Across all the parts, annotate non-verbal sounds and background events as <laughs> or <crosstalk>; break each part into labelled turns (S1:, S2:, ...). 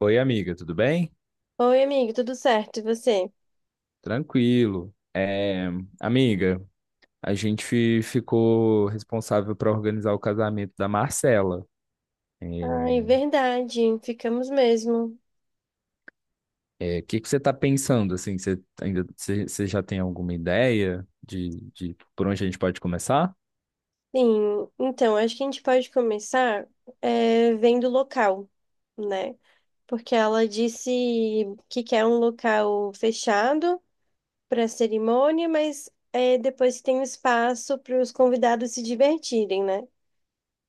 S1: Oi, amiga, tudo bem?
S2: Oi, amigo, tudo certo? E você?
S1: Tranquilo. É, amiga, a gente ficou responsável para organizar o casamento da Marcela. É,
S2: Ai, verdade, ficamos mesmo.
S1: é, o que que você está pensando assim? Você já tem alguma ideia de por onde a gente pode começar?
S2: Sim, então, acho que a gente pode começar vendo o local, né? Porque ela disse que quer um local fechado para a cerimônia, mas depois tem um espaço para os convidados se divertirem, né?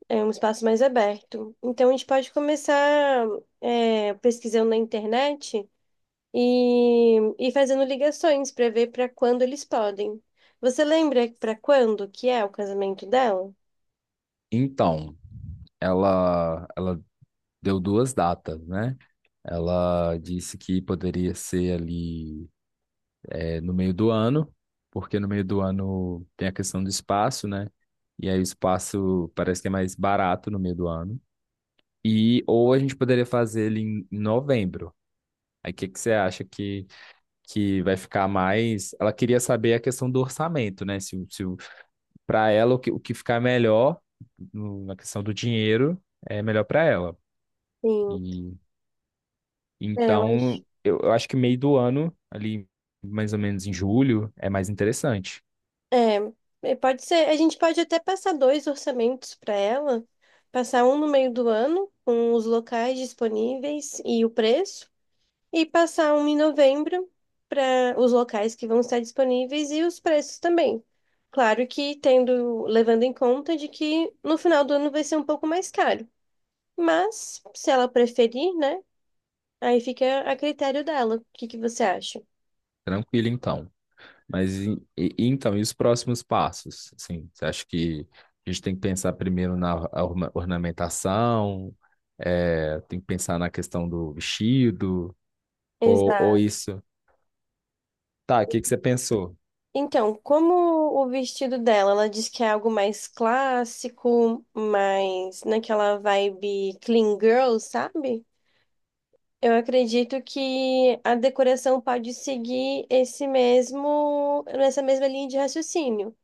S2: É um espaço mais aberto. Então, a gente pode começar pesquisando na internet. E fazendo ligações para ver para quando eles podem. Você lembra para quando que é o casamento dela?
S1: Então, ela deu duas datas, né? Ela disse que poderia ser ali, é, no meio do ano, porque no meio do ano tem a questão do espaço, né? E aí o espaço parece que é mais barato no meio do ano. E ou a gente poderia fazer ele em novembro. Aí o que que você acha que vai ficar mais? Ela queria saber a questão do orçamento, né? Se para ela o que ficar melhor na questão do dinheiro é melhor para ela.
S2: Sim,
S1: E
S2: eu acho.
S1: então eu acho que meio do ano ali mais ou menos em julho é mais interessante.
S2: É, é, pode ser. A gente pode até passar dois orçamentos para ela, passar um no meio do ano, com os locais disponíveis e o preço, e passar um em novembro para os locais que vão estar disponíveis e os preços também. Claro que tendo, levando em conta de que no final do ano vai ser um pouco mais caro. Mas, se ela preferir, né? Aí fica a critério dela. O que que você acha?
S1: Tranquilo então. Mas então, e os próximos passos? Assim, você acha que a gente tem que pensar primeiro na ornamentação, é, tem que pensar na questão do vestido, ou
S2: Exato.
S1: isso? Tá, o que que você pensou?
S2: Então, como o vestido dela, ela diz que é algo mais clássico, mais naquela vibe clean girl, sabe? Eu acredito que a decoração pode seguir esse mesmo, essa mesma linha de raciocínio.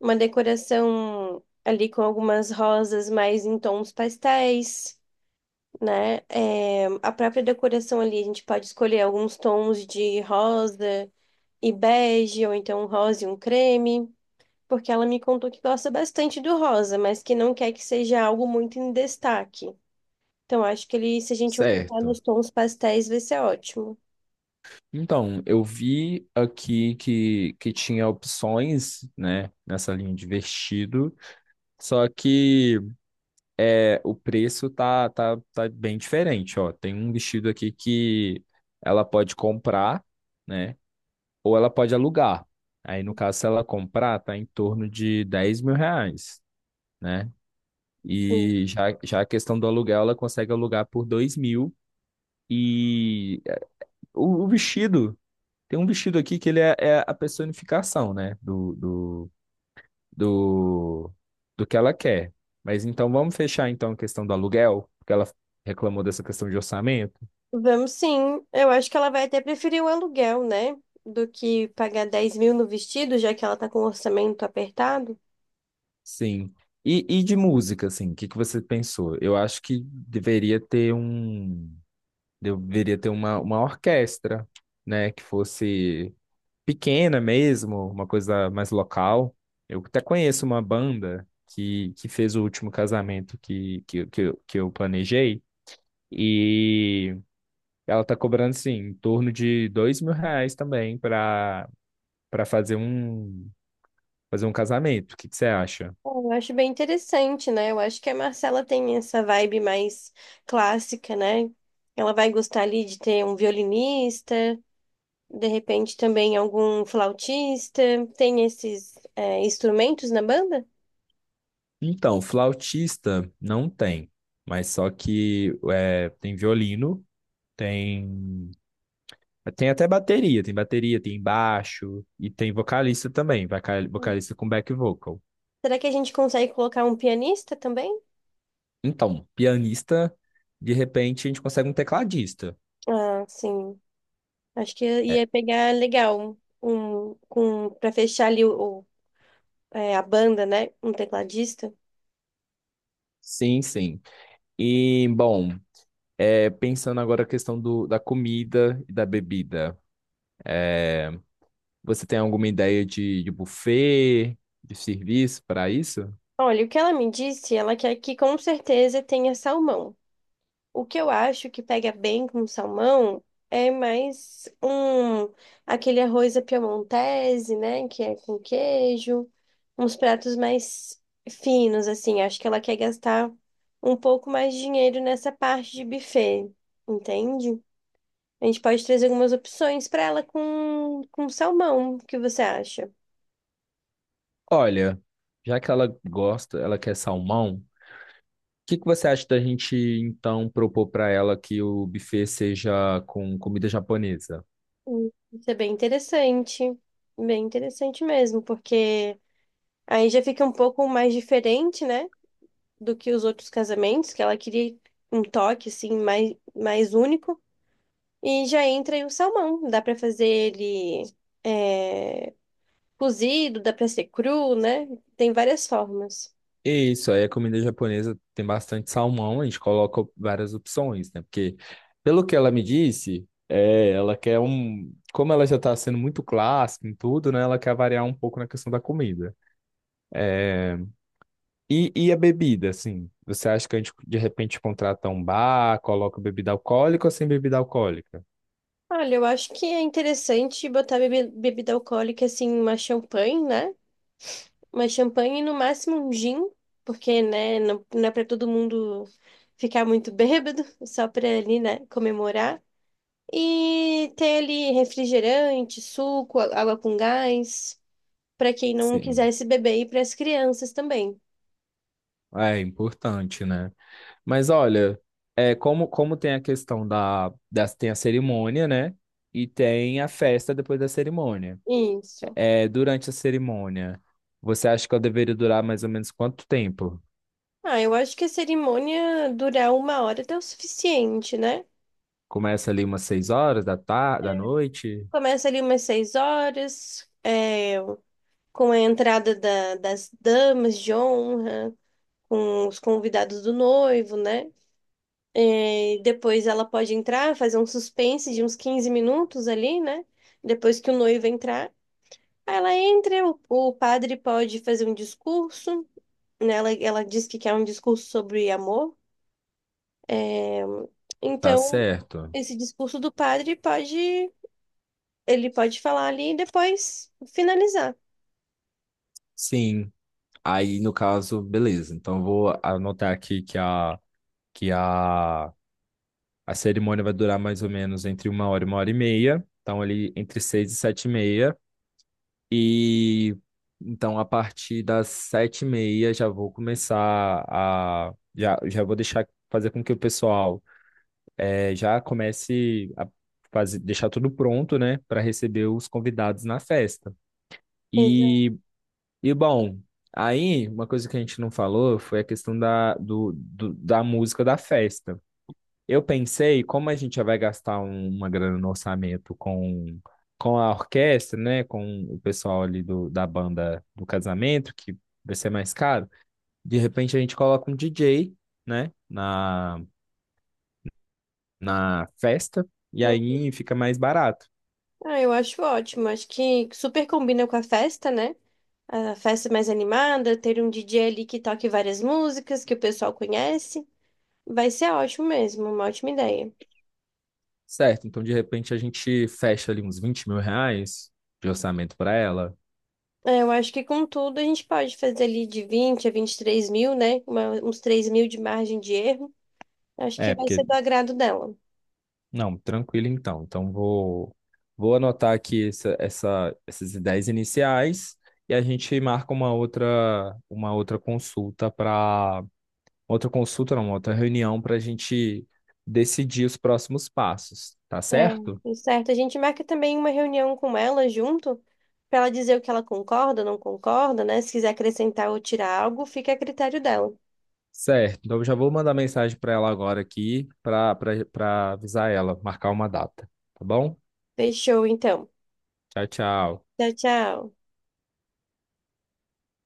S2: Uma decoração ali com algumas rosas mais em tons pastéis, né? É, a própria decoração ali, a gente pode escolher alguns tons de rosa e bege, ou então um rosa e um creme, porque ela me contou que gosta bastante do rosa, mas que não quer que seja algo muito em destaque. Então, acho que ele, se a gente optar
S1: Certo.
S2: nos tons pastéis, vai ser ótimo.
S1: Então, eu vi aqui que tinha opções, né, nessa linha de vestido, só que é, o preço tá bem diferente, ó. Tem um vestido aqui que ela pode comprar, né? Ou ela pode alugar. Aí, no caso, se ela comprar, tá em torno de R$ 10.000, né?
S2: Sim.
S1: E já a questão do aluguel, ela consegue alugar por 2.000. E o vestido, tem um vestido aqui que ele é a personificação, né? Do, do que ela quer. Mas então, vamos fechar então a questão do aluguel, porque ela reclamou dessa questão de orçamento.
S2: Vamos sim. Eu acho que ela vai até preferir o aluguel, né? Do que pagar 10 mil no vestido, já que ela tá com o orçamento apertado.
S1: Sim. E de música, assim, o que que você pensou? Eu acho que deveria ter um. Deveria ter uma orquestra, né? Que fosse pequena mesmo, uma coisa mais local. Eu até conheço uma banda que fez o último casamento que eu planejei. E ela tá cobrando, assim, em torno de R$ 2.000 também para fazer um casamento. O que que você acha?
S2: Bom, eu acho bem interessante, né? Eu acho que a Marcela tem essa vibe mais clássica, né? Ela vai gostar ali de ter um violinista, de repente também algum flautista. Tem esses, instrumentos na banda?
S1: Então, flautista não tem, mas só que é, tem violino, tem. Tem até bateria, tem baixo e tem vocalista também, vocalista com back vocal.
S2: Será que a gente consegue colocar um pianista também?
S1: Então, pianista, de repente a gente consegue um tecladista.
S2: Ah, sim. Acho que
S1: É,
S2: ia pegar legal um, com para fechar ali a banda, né? Um tecladista.
S1: sim, sim. E, bom, pensando agora a questão do, da comida e da bebida, você tem alguma ideia de buffet, de serviço para isso?
S2: Olha, o que ela me disse, ela quer que com certeza tenha salmão. O que eu acho que pega bem com salmão é mais um aquele arroz à piemontese, né, que é com queijo, uns pratos mais finos assim. Acho que ela quer gastar um pouco mais de dinheiro nessa parte de buffet, entende? A gente pode trazer algumas opções para ela com salmão. O que você acha?
S1: Olha, já que ela gosta, ela quer salmão. O que que você acha da gente então propor para ela que o buffet seja com comida japonesa?
S2: Isso é bem interessante mesmo, porque aí já fica um pouco mais diferente, né, do que os outros casamentos, que ela queria um toque assim mais único. E já entra aí o salmão. Dá para fazer ele, é, cozido, dá para ser cru, né? Tem várias formas.
S1: E isso, aí a comida japonesa tem bastante salmão, a gente coloca várias opções, né? Porque, pelo que ela me disse, é, ela quer um. Como ela já está sendo muito clássica em tudo, né? Ela quer variar um pouco na questão da comida. É, e a bebida, assim? Você acha que a gente de repente contrata um bar, coloca bebida alcoólica ou sem bebida alcoólica?
S2: Olha, eu acho que é interessante botar bebida alcoólica assim, uma champanhe, né? Uma champanhe e no máximo um gin, porque, né, não é para todo mundo ficar muito <laughs> bêbado, só para ali, né, comemorar. E ter ali refrigerante, suco, água com gás, para quem não
S1: Sim.
S2: quisesse beber e para as crianças também.
S1: É importante, né? Mas olha, é, como tem a questão da, das Tem a cerimônia, né? E tem a festa depois da cerimônia.
S2: Isso.
S1: É, durante a cerimônia, você acha que ela deveria durar mais ou menos quanto tempo?
S2: Ah, eu acho que a cerimônia durar 1 hora até o suficiente, né?
S1: Começa ali umas seis horas da tarde, da noite?
S2: Começa ali umas 6 horas, com a entrada das damas de honra, com os convidados do noivo, né? Depois ela pode entrar, fazer um suspense de uns 15 minutos ali, né? Depois que o noivo entrar. Aí ela entra, o padre pode fazer um discurso, né? Ela diz que quer um discurso sobre amor.
S1: Tá
S2: Então,
S1: certo.
S2: esse discurso do padre pode, ele pode falar ali e depois finalizar.
S1: Sim. Aí, no caso, beleza. Então, eu vou anotar aqui que a cerimônia vai durar mais ou menos entre uma hora e meia. Então, ali entre seis e sete e meia. E então, a partir das sete e meia, já vou começar a. Já vou deixar fazer com que o pessoal já comece a fazer, deixar tudo pronto, né, para receber os convidados na festa.
S2: Exato.
S1: E, e bom, aí uma coisa que a gente não falou foi a questão da música da festa. Eu pensei, como a gente já vai gastar uma grana no orçamento com a orquestra, né? Com o pessoal ali do, da banda do casamento, que vai ser mais caro, de repente a gente coloca um DJ, né? Na festa, e aí fica mais barato.
S2: Ah, eu acho ótimo. Acho que super combina com a festa, né? A festa mais animada, ter um DJ ali que toque várias músicas que o pessoal conhece. Vai ser ótimo mesmo, uma ótima ideia.
S1: Certo, então de repente a gente fecha ali uns R$ 20.000 de orçamento para ela.
S2: É, eu acho que com tudo a gente pode fazer ali de 20 a 23 mil, né? Uns 3 mil de margem de erro. Acho que
S1: É,
S2: vai ser
S1: porque
S2: do agrado dela.
S1: não, tranquilo então. Então vou anotar aqui essas ideias iniciais e a gente marca uma outra consulta para outra consulta, não, uma outra reunião para a gente decidir os próximos passos, tá
S2: É,
S1: certo?
S2: tudo certo. A gente marca também uma reunião com ela junto, para ela dizer o que ela concorda, não concorda, né? Se quiser acrescentar ou tirar algo, fica a critério dela.
S1: Certo. Então eu já vou mandar mensagem para ela agora aqui para avisar ela, marcar uma data, tá bom?
S2: Fechou, então.
S1: Tchau, tchau.
S2: Tchau, tchau.